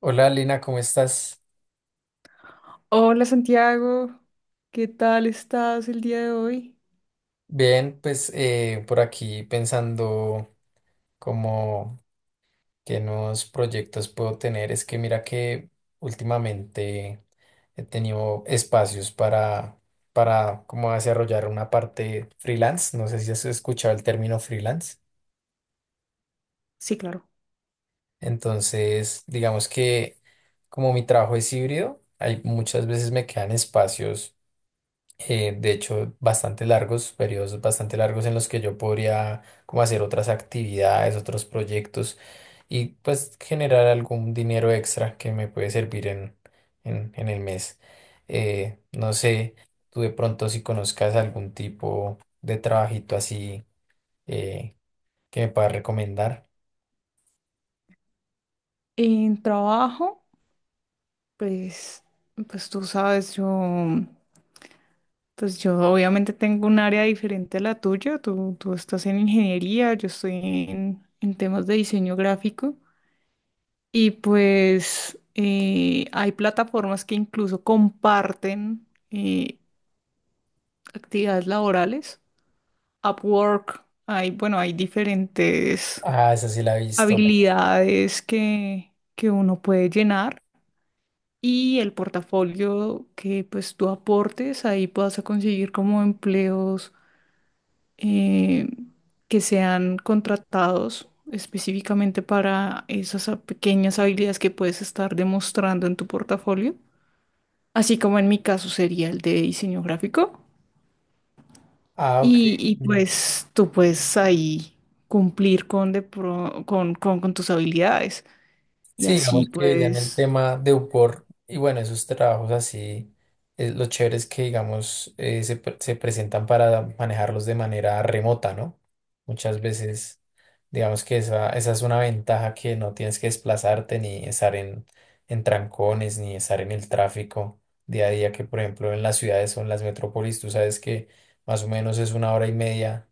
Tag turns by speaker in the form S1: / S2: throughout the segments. S1: Hola Lina, ¿cómo estás?
S2: Hola Santiago, ¿qué tal estás el día de hoy?
S1: Bien, pues por aquí pensando como qué nuevos proyectos puedo tener. Es que mira que últimamente he tenido espacios para como desarrollar una parte freelance. No sé si has escuchado el término freelance.
S2: Sí, claro.
S1: Entonces, digamos que como mi trabajo es híbrido, hay muchas veces me quedan espacios de hecho, bastante largos, periodos bastante largos en los que yo podría como hacer otras actividades, otros proyectos, y pues generar algún dinero extra que me puede servir en el mes. No sé, tú de pronto si conozcas algún tipo de trabajito así eh, que me puedas recomendar.
S2: En trabajo, pues, pues tú sabes, yo obviamente tengo un área diferente a la tuya, tú estás en ingeniería, yo estoy en temas de diseño gráfico y pues hay plataformas que incluso comparten eh, actividades laborales, Upwork, hay, bueno, hay diferentes
S1: Ah, esa sí la he visto.
S2: habilidades que uno puede llenar y el portafolio que pues tú aportes, ahí vas a conseguir como empleos eh, que sean contratados específicamente para esas pequeñas habilidades que puedes estar demostrando en tu portafolio, así como en mi caso sería el de diseño gráfico.
S1: Ah, ok.
S2: Pues tú puedes ahí cumplir con con tus habilidades. Y
S1: Sí,
S2: así
S1: digamos que ya en el
S2: pues
S1: tema de UPOR y bueno, esos trabajos así, lo chévere es que digamos se presentan para manejarlos de manera remota, ¿no? Muchas veces, digamos que esa es una ventaja que no tienes que desplazarte ni estar en trancones, ni estar en el tráfico día a día, que por ejemplo en las ciudades o en las metrópolis, tú sabes que más o menos es una hora y media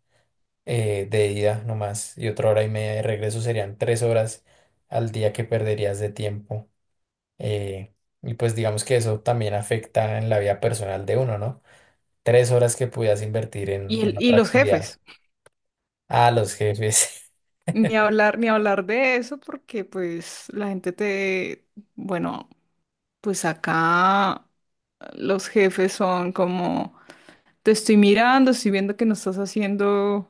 S1: de ida nomás y otra hora y media de regreso serían tres horas al día que perderías de tiempo. eh, y pues digamos que eso también afecta en la vida personal de uno, ¿no? Tres horas que pudieras invertir en
S2: Y
S1: otra
S2: los
S1: actividad.
S2: jefes,
S1: A los jefes.
S2: ni hablar, ni hablar de eso, porque pues la gente te, bueno, pues acá los jefes son como, te estoy mirando, estoy viendo que no estás haciendo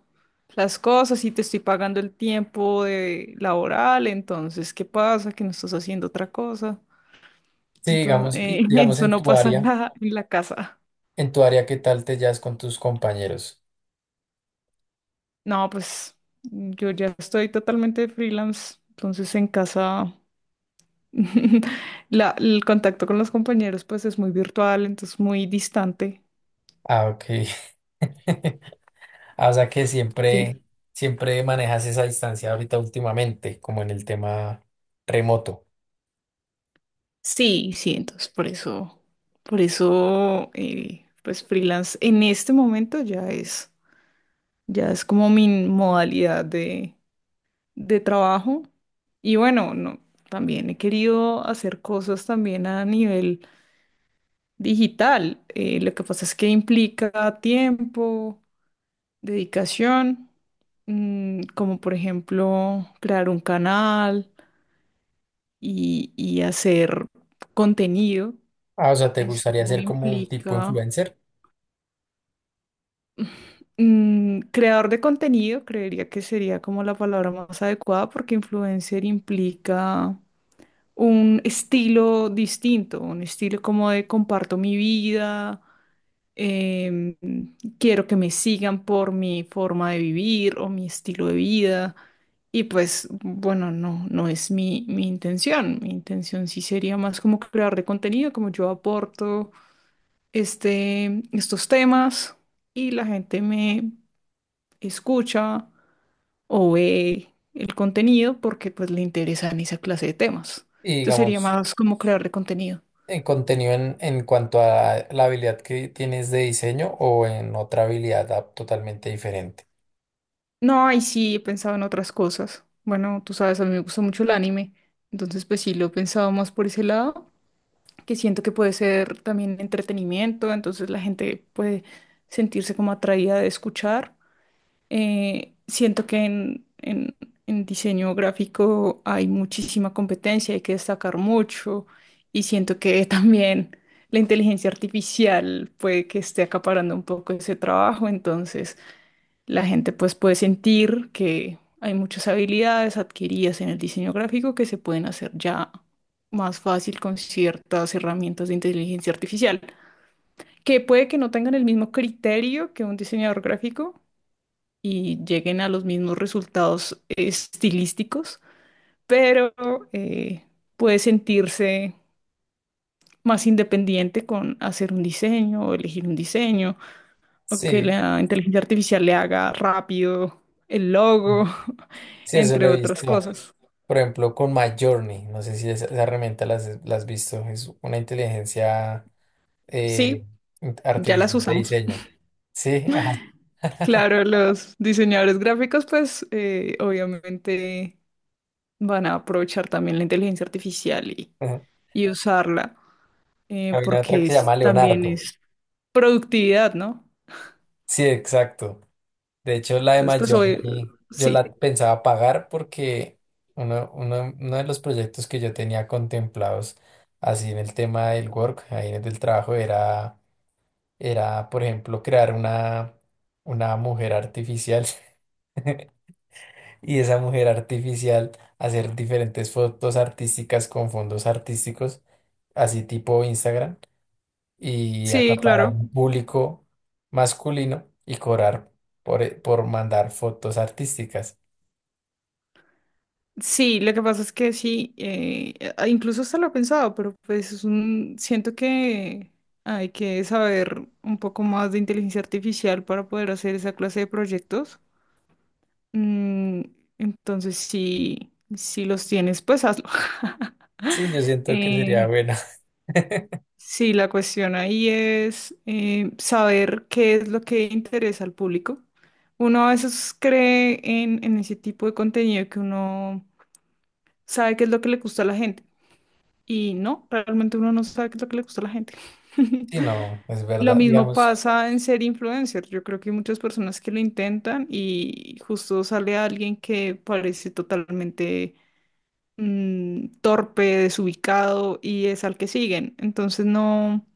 S2: las cosas y te estoy pagando el tiempo de laboral, entonces, ¿qué pasa? Que no estás haciendo otra cosa.
S1: Sí, digamos,
S2: Entonces, eso no pasa en en la casa.
S1: en tu área, ¿qué tal te llevas con tus compañeros?
S2: No, pues yo ya estoy totalmente freelance, entonces en casa. El contacto con los compañeros pues es muy virtual, entonces muy distante.
S1: Ah, ok. Ah, o sea que
S2: Sí.
S1: siempre manejas esa distancia ahorita últimamente, como en el tema remoto.
S2: Sí, sí, entonces por eso, pues freelance en este momento ya es como mi modalidad de trabajo. Y bueno, no, también he querido hacer cosas también a nivel digital. Lo que pasa es que implica tiempo, dedicación, como por ejemplo crear un canal y hacer contenido.
S1: Ah, o sea, ¿te
S2: Eso
S1: gustaría ser como un tipo
S2: implica
S1: influencer?
S2: creador de contenido, creería que sería como la palabra más adecuada porque influencer implica un estilo distinto, un estilo como de comparto mi vida, em, quiero que me sigan por mi forma de vivir o mi estilo de vida. Y pues, bueno, no, no es mi intención. Mi intención sí sería más como crear de contenido, como yo aporto estos temas y la gente me escucha o ve el contenido porque pues le interesan esa clase de temas.
S1: Y
S2: Entonces sería
S1: digamos,
S2: más como crear de contenido.
S1: en contenido en cuanto a la habilidad que tienes de diseño o en otra habilidad ah, totalmente diferente.
S2: No, y sí, he pensado en otras cosas. Bueno, tú sabes, a mí me gusta mucho el anime, entonces pues sí, lo he pensado más por ese lado, que siento que puede ser también entretenimiento, entonces la gente puede sentirse como atraída de escuchar. Siento que en diseño gráfico hay muchísima competencia, hay que destacar mucho, y siento que también la inteligencia artificial puede que esté acaparando un poco ese trabajo, entonces... La gente pues puede sentir que hay muchas habilidades adquiridas en el diseño gráfico que se pueden hacer ya más fácil con ciertas herramientas de inteligencia artificial, que puede que no tengan el mismo criterio que un diseñador gráfico y lleguen a los mismos resultados estilísticos, pero eh, puede sentirse más independiente con hacer un diseño o elegir un diseño o que
S1: Sí,
S2: la inteligencia artificial le haga rápido el logo,
S1: sí, eso
S2: entre
S1: lo he
S2: otras
S1: visto.
S2: cosas.
S1: Por ejemplo, con MyJourney, no sé si esa herramienta la has visto, es una inteligencia eh,
S2: Sí, ya las
S1: artificial de
S2: usamos.
S1: diseño. Sí, ajá.
S2: Claro, los diseñadores gráficos, pues obviamente van a aprovechar también la inteligencia artificial
S1: Ajá.
S2: y usarla, eh,
S1: Había otra que
S2: porque
S1: se
S2: es-
S1: llama
S2: también
S1: Leonardo.
S2: es productividad, ¿no?
S1: Sí, exacto. De hecho, la de
S2: Entonces, pues hoy,
S1: Miami yo la
S2: sí,
S1: pensaba pagar porque uno de los proyectos que yo tenía contemplados así en el tema del work, ahí en el del trabajo, era, por ejemplo, crear una mujer artificial y esa mujer artificial hacer diferentes fotos artísticas con fondos artísticos, así tipo Instagram, y
S2: sí,
S1: acaparar
S2: claro.
S1: un público masculino y cobrar por mandar fotos artísticas.
S2: Sí, lo que pasa es que sí, incluso hasta lo he pensado, pero pues es un, siento que hay que saber un poco más de inteligencia artificial para poder hacer esa clase de proyectos. Mm, entonces, sí, si los tienes, pues hazlo.
S1: Sí, yo siento que sería
S2: Eh,
S1: buena.
S2: sí, la cuestión ahí es saber qué es lo que interesa al público. Uno a veces cree en ese tipo de contenido que uno sabe qué es lo que le gusta a la gente. Y no, realmente uno no sabe qué es lo que le gusta a la gente.
S1: Sí, no, es
S2: Lo
S1: verdad.
S2: mismo
S1: Digamos,
S2: pasa en ser influencer. Yo creo que hay muchas personas que lo intentan y justo sale alguien que parece totalmente torpe, desubicado y es al que siguen. Entonces no,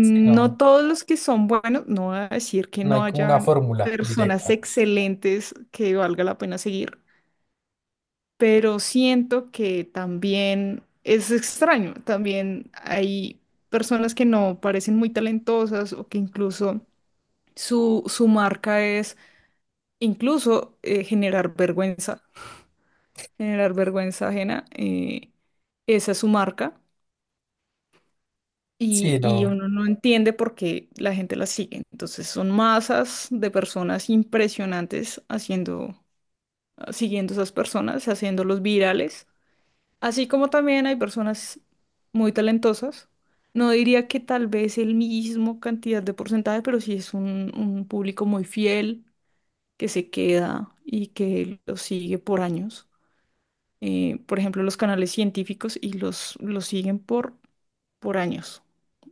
S1: sí, no,
S2: todos los que son buenos, no voy a decir que
S1: no hay
S2: no
S1: como una
S2: hayan
S1: fórmula
S2: personas
S1: directa.
S2: excelentes que valga la pena seguir, pero siento que también es extraño, también hay personas que no parecen muy talentosas o que incluso su marca es incluso generar vergüenza ajena, esa es su marca.
S1: Sí,
S2: Y
S1: no.
S2: uno no entiende por qué la gente la sigue. Entonces son masas de personas impresionantes haciendo, siguiendo esas personas, haciéndolos virales. Así como también hay personas muy talentosas, no diría que tal vez el mismo cantidad de porcentaje, pero sí es un público muy fiel que se queda y que lo sigue por años. Por ejemplo, los canales científicos y los siguen por años.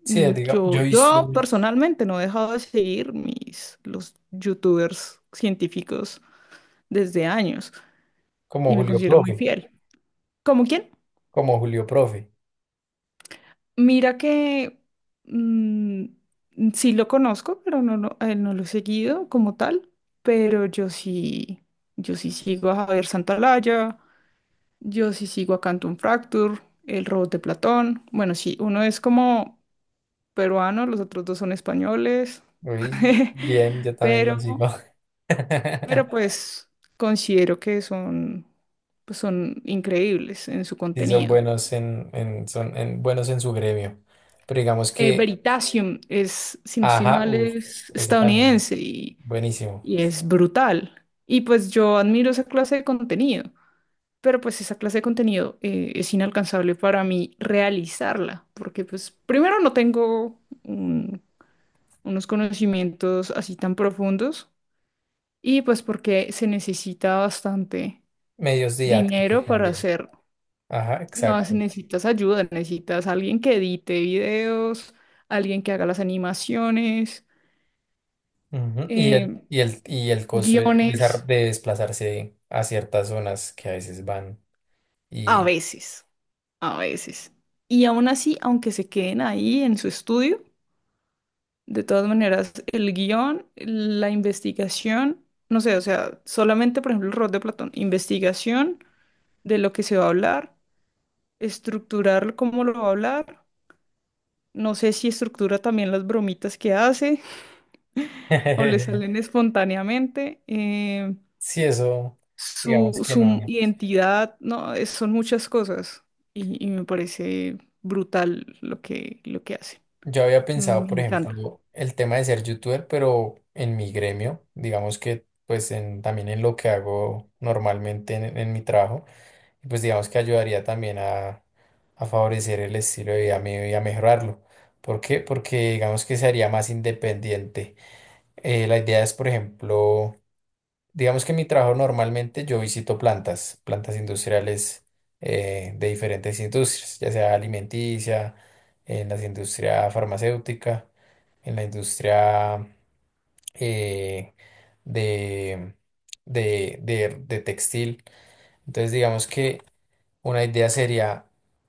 S1: Sí, diga, yo he visto
S2: Yo personalmente no he dejado de seguir los youtubers científicos desde años
S1: como
S2: y me
S1: Julio
S2: considero muy
S1: Profe,
S2: fiel. ¿Como quién?
S1: como Julio Profe.
S2: Mira que mm, sí lo conozco, pero a él no lo he seguido como tal, pero yo sí, sigo a Javier Santalaya, yo sí sigo a Canton Fracture, El Robot de Platón. Bueno, sí, uno es como peruano, los otros dos son españoles,
S1: Uy, bien, yo también lo
S2: pero,
S1: sigo.
S2: pero pues considero que son, pues son increíbles en su
S1: Y son
S2: contenido.
S1: buenos buenos en su gremio. Pero digamos que,
S2: Veritasium es, si no estoy
S1: ajá,
S2: mal,
S1: uff,
S2: es
S1: ese también.
S2: estadounidense
S1: Buenísimo.
S2: y es brutal. Y pues yo admiro esa clase de contenido, pero pues esa clase de contenido es inalcanzable para mí realizarla, porque pues primero no tengo unos conocimientos así tan profundos y pues porque se necesita bastante
S1: Medios didácticos
S2: dinero para
S1: también.
S2: hacerlo.
S1: Ajá,
S2: No, se
S1: exacto.
S2: necesitas ayuda, necesitas alguien que edite videos, alguien que haga las animaciones,
S1: Ujú, y el,
S2: eh,
S1: y el, y el costo de,
S2: guiones
S1: de desplazarse a ciertas zonas que a veces van.
S2: a
S1: Y
S2: veces, a veces. Y aún así, aunque se queden ahí en su estudio, de todas maneras, el guión, la investigación, no sé, o sea, solamente, por ejemplo, el rol de Platón, investigación de lo que se va a hablar, estructurar cómo lo va a hablar. No sé si estructura también las bromitas que hace o le salen espontáneamente. eh,
S1: sí, eso, digamos
S2: su,
S1: que
S2: su
S1: no.
S2: identidad, no, son muchas cosas y me parece brutal lo lo que hace.
S1: Yo había
S2: Mm.
S1: pensado,
S2: Me
S1: por
S2: encanta.
S1: ejemplo, el tema de ser youtuber, pero en mi gremio, digamos que pues en, también en lo que hago normalmente en mi trabajo, y pues digamos que ayudaría también a favorecer el estilo de vida mío y a mejorarlo. ¿Por qué? Porque digamos que se haría más independiente. La idea es, por ejemplo, digamos que en mi trabajo normalmente yo visito plantas, plantas industriales de diferentes industrias, ya sea alimenticia, en la industria farmacéutica, en la industria eh, de, de textil. Entonces digamos que una idea sería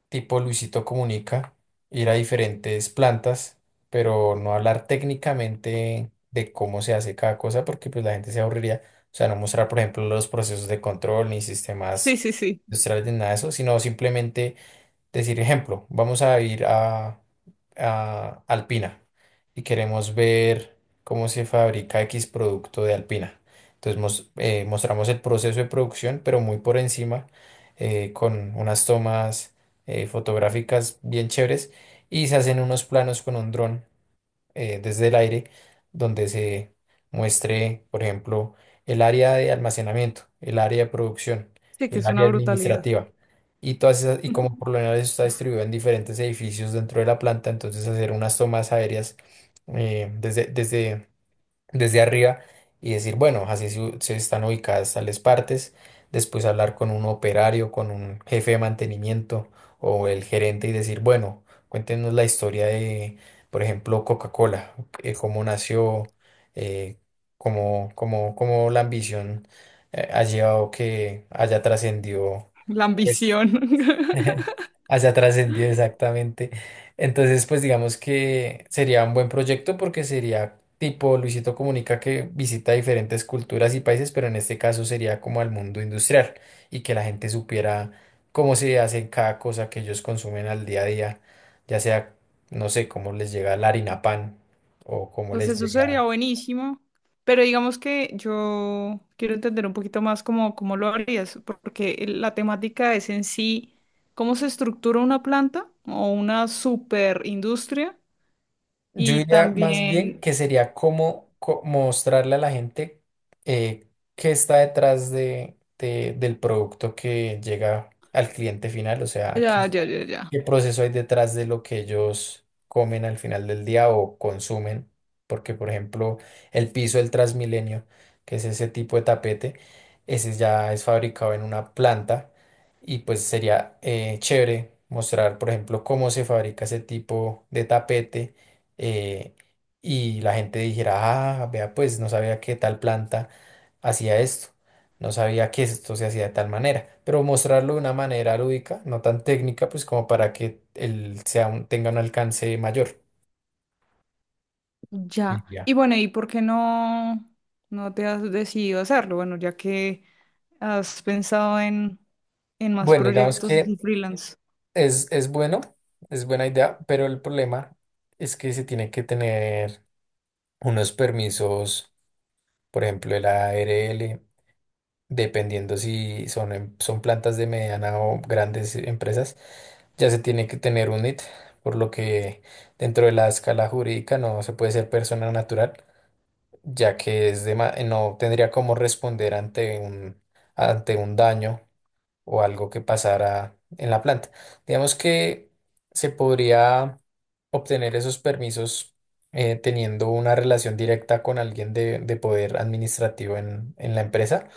S1: tipo Luisito Comunica, ir a diferentes plantas, pero no hablar técnicamente de cómo se hace cada cosa, porque pues la gente se aburriría. O sea, no mostrar, por ejemplo, los procesos de control ni
S2: Sí,
S1: sistemas
S2: sí, sí.
S1: industriales ni nada de eso, sino simplemente decir, ejemplo, vamos a Alpina y queremos ver cómo se fabrica X producto de Alpina. Entonces mostramos el proceso de producción, pero muy por encima, con unas tomas fotográficas bien chéveres, y se hacen unos planos con un dron desde el aire donde se muestre, por ejemplo, el área de almacenamiento, el área de producción,
S2: Sí, que
S1: el
S2: es una
S1: área
S2: brutalidad.
S1: administrativa. Y todas esas, y como por lo general eso está distribuido en diferentes edificios dentro de la planta, entonces hacer unas tomas aéreas eh, desde, desde desde arriba y decir, bueno, así se están ubicadas tales partes, después hablar con un operario, con un jefe de mantenimiento o el gerente y decir, bueno, cuéntenos la historia de, por ejemplo, Coca-Cola, cómo nació, eh, cómo la ambición ha llevado que haya trascendido.
S2: La
S1: Pues
S2: ambición.
S1: hacia trascendido, exactamente. Entonces, pues digamos que sería un buen proyecto porque sería tipo Luisito Comunica que visita diferentes culturas y países, pero en este caso sería como al mundo industrial y que la gente supiera cómo se hace cada cosa que ellos consumen al día a día, ya sea, no sé, cómo les llega la harina pan o cómo
S2: Pues
S1: les
S2: eso
S1: llega.
S2: sería buenísimo. Pero digamos que yo quiero entender un poquito más cómo lo harías, porque la temática es en sí cómo se estructura una planta o una superindustria
S1: Yo
S2: y
S1: diría más bien
S2: también...
S1: que sería como, mostrarle a la gente eh, qué está detrás del producto que llega al cliente final, o sea, qué,
S2: Ya, ya, ya, ya.
S1: ¿qué proceso hay detrás de lo que ellos comen al final del día o consumen? Porque, por ejemplo, el piso del Transmilenio, que es ese tipo de tapete, ese ya es fabricado en una planta, y pues sería chévere mostrar, por ejemplo, cómo se fabrica ese tipo de tapete eh, y la gente dijera, ah, vea, pues no sabía que tal planta hacía esto. No sabía que esto se hacía de tal manera, pero mostrarlo de una manera lúdica, no tan técnica, pues como para que él tenga un alcance mayor. Sí,
S2: Ya.
S1: ya.
S2: Y bueno, ¿por qué no te has decidido a hacerlo? Bueno, ya que has pensado en más
S1: Bueno, digamos
S2: proyectos
S1: que
S2: así freelance,
S1: es bueno, es buena idea, pero el problema es que se tiene que tener unos permisos, por ejemplo, el ARL, dependiendo si son plantas de mediana o grandes empresas, ya se tiene que tener un NIT, por lo que dentro de la escala jurídica no se puede ser persona natural ya que no tendría cómo responder ante un daño o algo que pasara en la planta. Digamos que se podría obtener esos permisos teniendo una relación directa con alguien de poder administrativo en la empresa,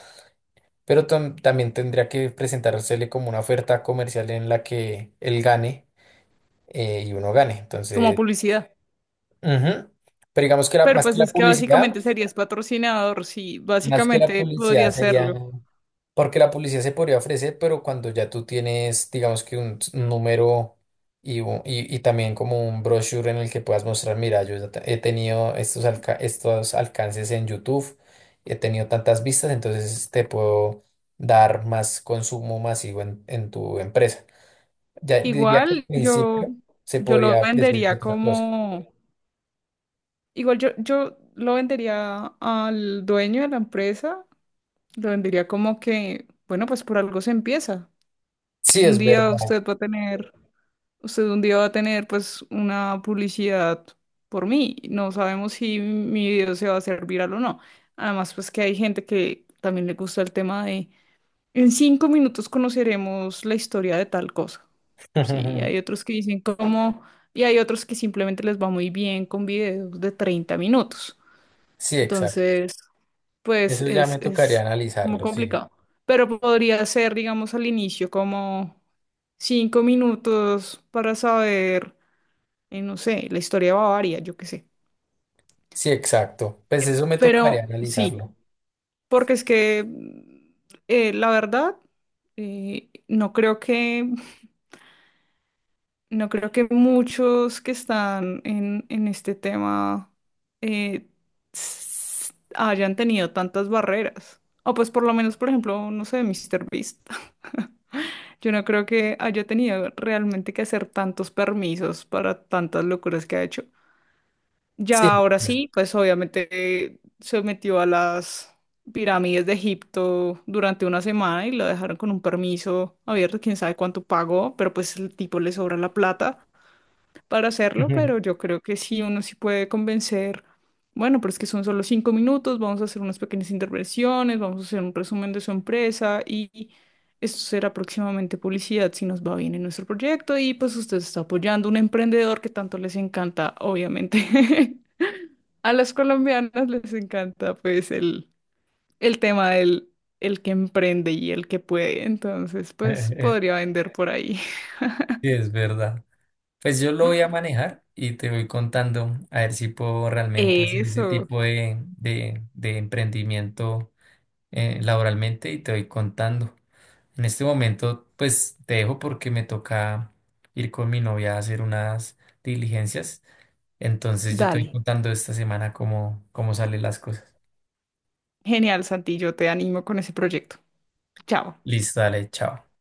S1: pero también tendría que presentársele como una oferta comercial en la que él gane y uno gane.
S2: como
S1: Entonces,
S2: publicidad.
S1: ujú. Pero digamos que
S2: Pero
S1: más que
S2: pues
S1: la
S2: es que
S1: publicidad,
S2: básicamente serías patrocinador, sí,
S1: más que la
S2: básicamente podría
S1: publicidad sería...
S2: hacerlo.
S1: Porque la publicidad se podría ofrecer, pero cuando ya tú tienes, digamos que número, y también como un brochure en el que puedas mostrar, mira, he tenido estos, estos alcances en YouTube, he tenido tantas vistas, entonces te puedo dar más consumo masivo en tu empresa. Ya diría que al
S2: Igual yo,
S1: principio se
S2: yo lo
S1: podría ofrecer de
S2: vendería
S1: otra cosa.
S2: como, yo lo vendería al dueño de la empresa, lo vendería como que, bueno, pues por algo se empieza.
S1: Sí,
S2: Un
S1: es
S2: día
S1: verdad.
S2: usted va a tener Usted un día va a tener pues una publicidad por mí. No sabemos si mi video se va a hacer viral o no. Además, pues que hay gente que también le gusta el tema de en 5 minutos conoceremos la historia de tal cosa. Sí, hay otros que dicen cómo y hay otros que simplemente les va muy bien con videos de 30 minutos.
S1: Sí, exacto.
S2: Entonces, pues
S1: Eso ya me
S2: es
S1: tocaría
S2: como
S1: analizarlo, sí.
S2: complicado. Pero podría ser, digamos, al inicio como 5 minutos para saber no sé, la historia de Bavaria, yo qué sé.
S1: Sí, exacto. Pues eso me
S2: Pero
S1: tocaría
S2: sí,
S1: analizarlo.
S2: porque es que la verdad, eh, no creo que, no creo que muchos que están en este tema eh, hayan tenido tantas barreras. O pues por lo menos, por ejemplo, no sé, Mister Beast. Yo no creo que haya tenido realmente que hacer tantos permisos para tantas locuras que ha hecho.
S1: Sí.
S2: Ya ahora sí, pues obviamente se metió a las pirámides de Egipto durante una semana y lo dejaron con un permiso abierto, quién sabe cuánto pagó, pero pues el tipo le sobra la plata para hacerlo, pero
S1: Ujú.
S2: yo creo que sí, uno sí puede convencer, bueno, pero es que son solo 5 minutos, vamos a hacer unas pequeñas intervenciones, vamos a hacer un resumen de su empresa y esto será próximamente publicidad si nos va bien en nuestro proyecto y pues usted está apoyando a un emprendedor que tanto les encanta, obviamente. A las colombianas les encanta pues el tema del el que emprende y el que puede, entonces pues
S1: Eh,
S2: podría vender por ahí.
S1: Sí, es verdad. Pues yo lo voy a manejar y te voy contando a ver si puedo realmente hacer ese
S2: Eso,
S1: tipo de emprendimiento laboralmente, y te voy contando. En este momento, pues te dejo porque me toca ir con mi novia a hacer unas diligencias. Entonces yo te voy
S2: dale.
S1: contando esta semana cómo salen las cosas.
S2: Genial, Santi, yo te animo con ese proyecto. Chao.
S1: Listo, dale, chao.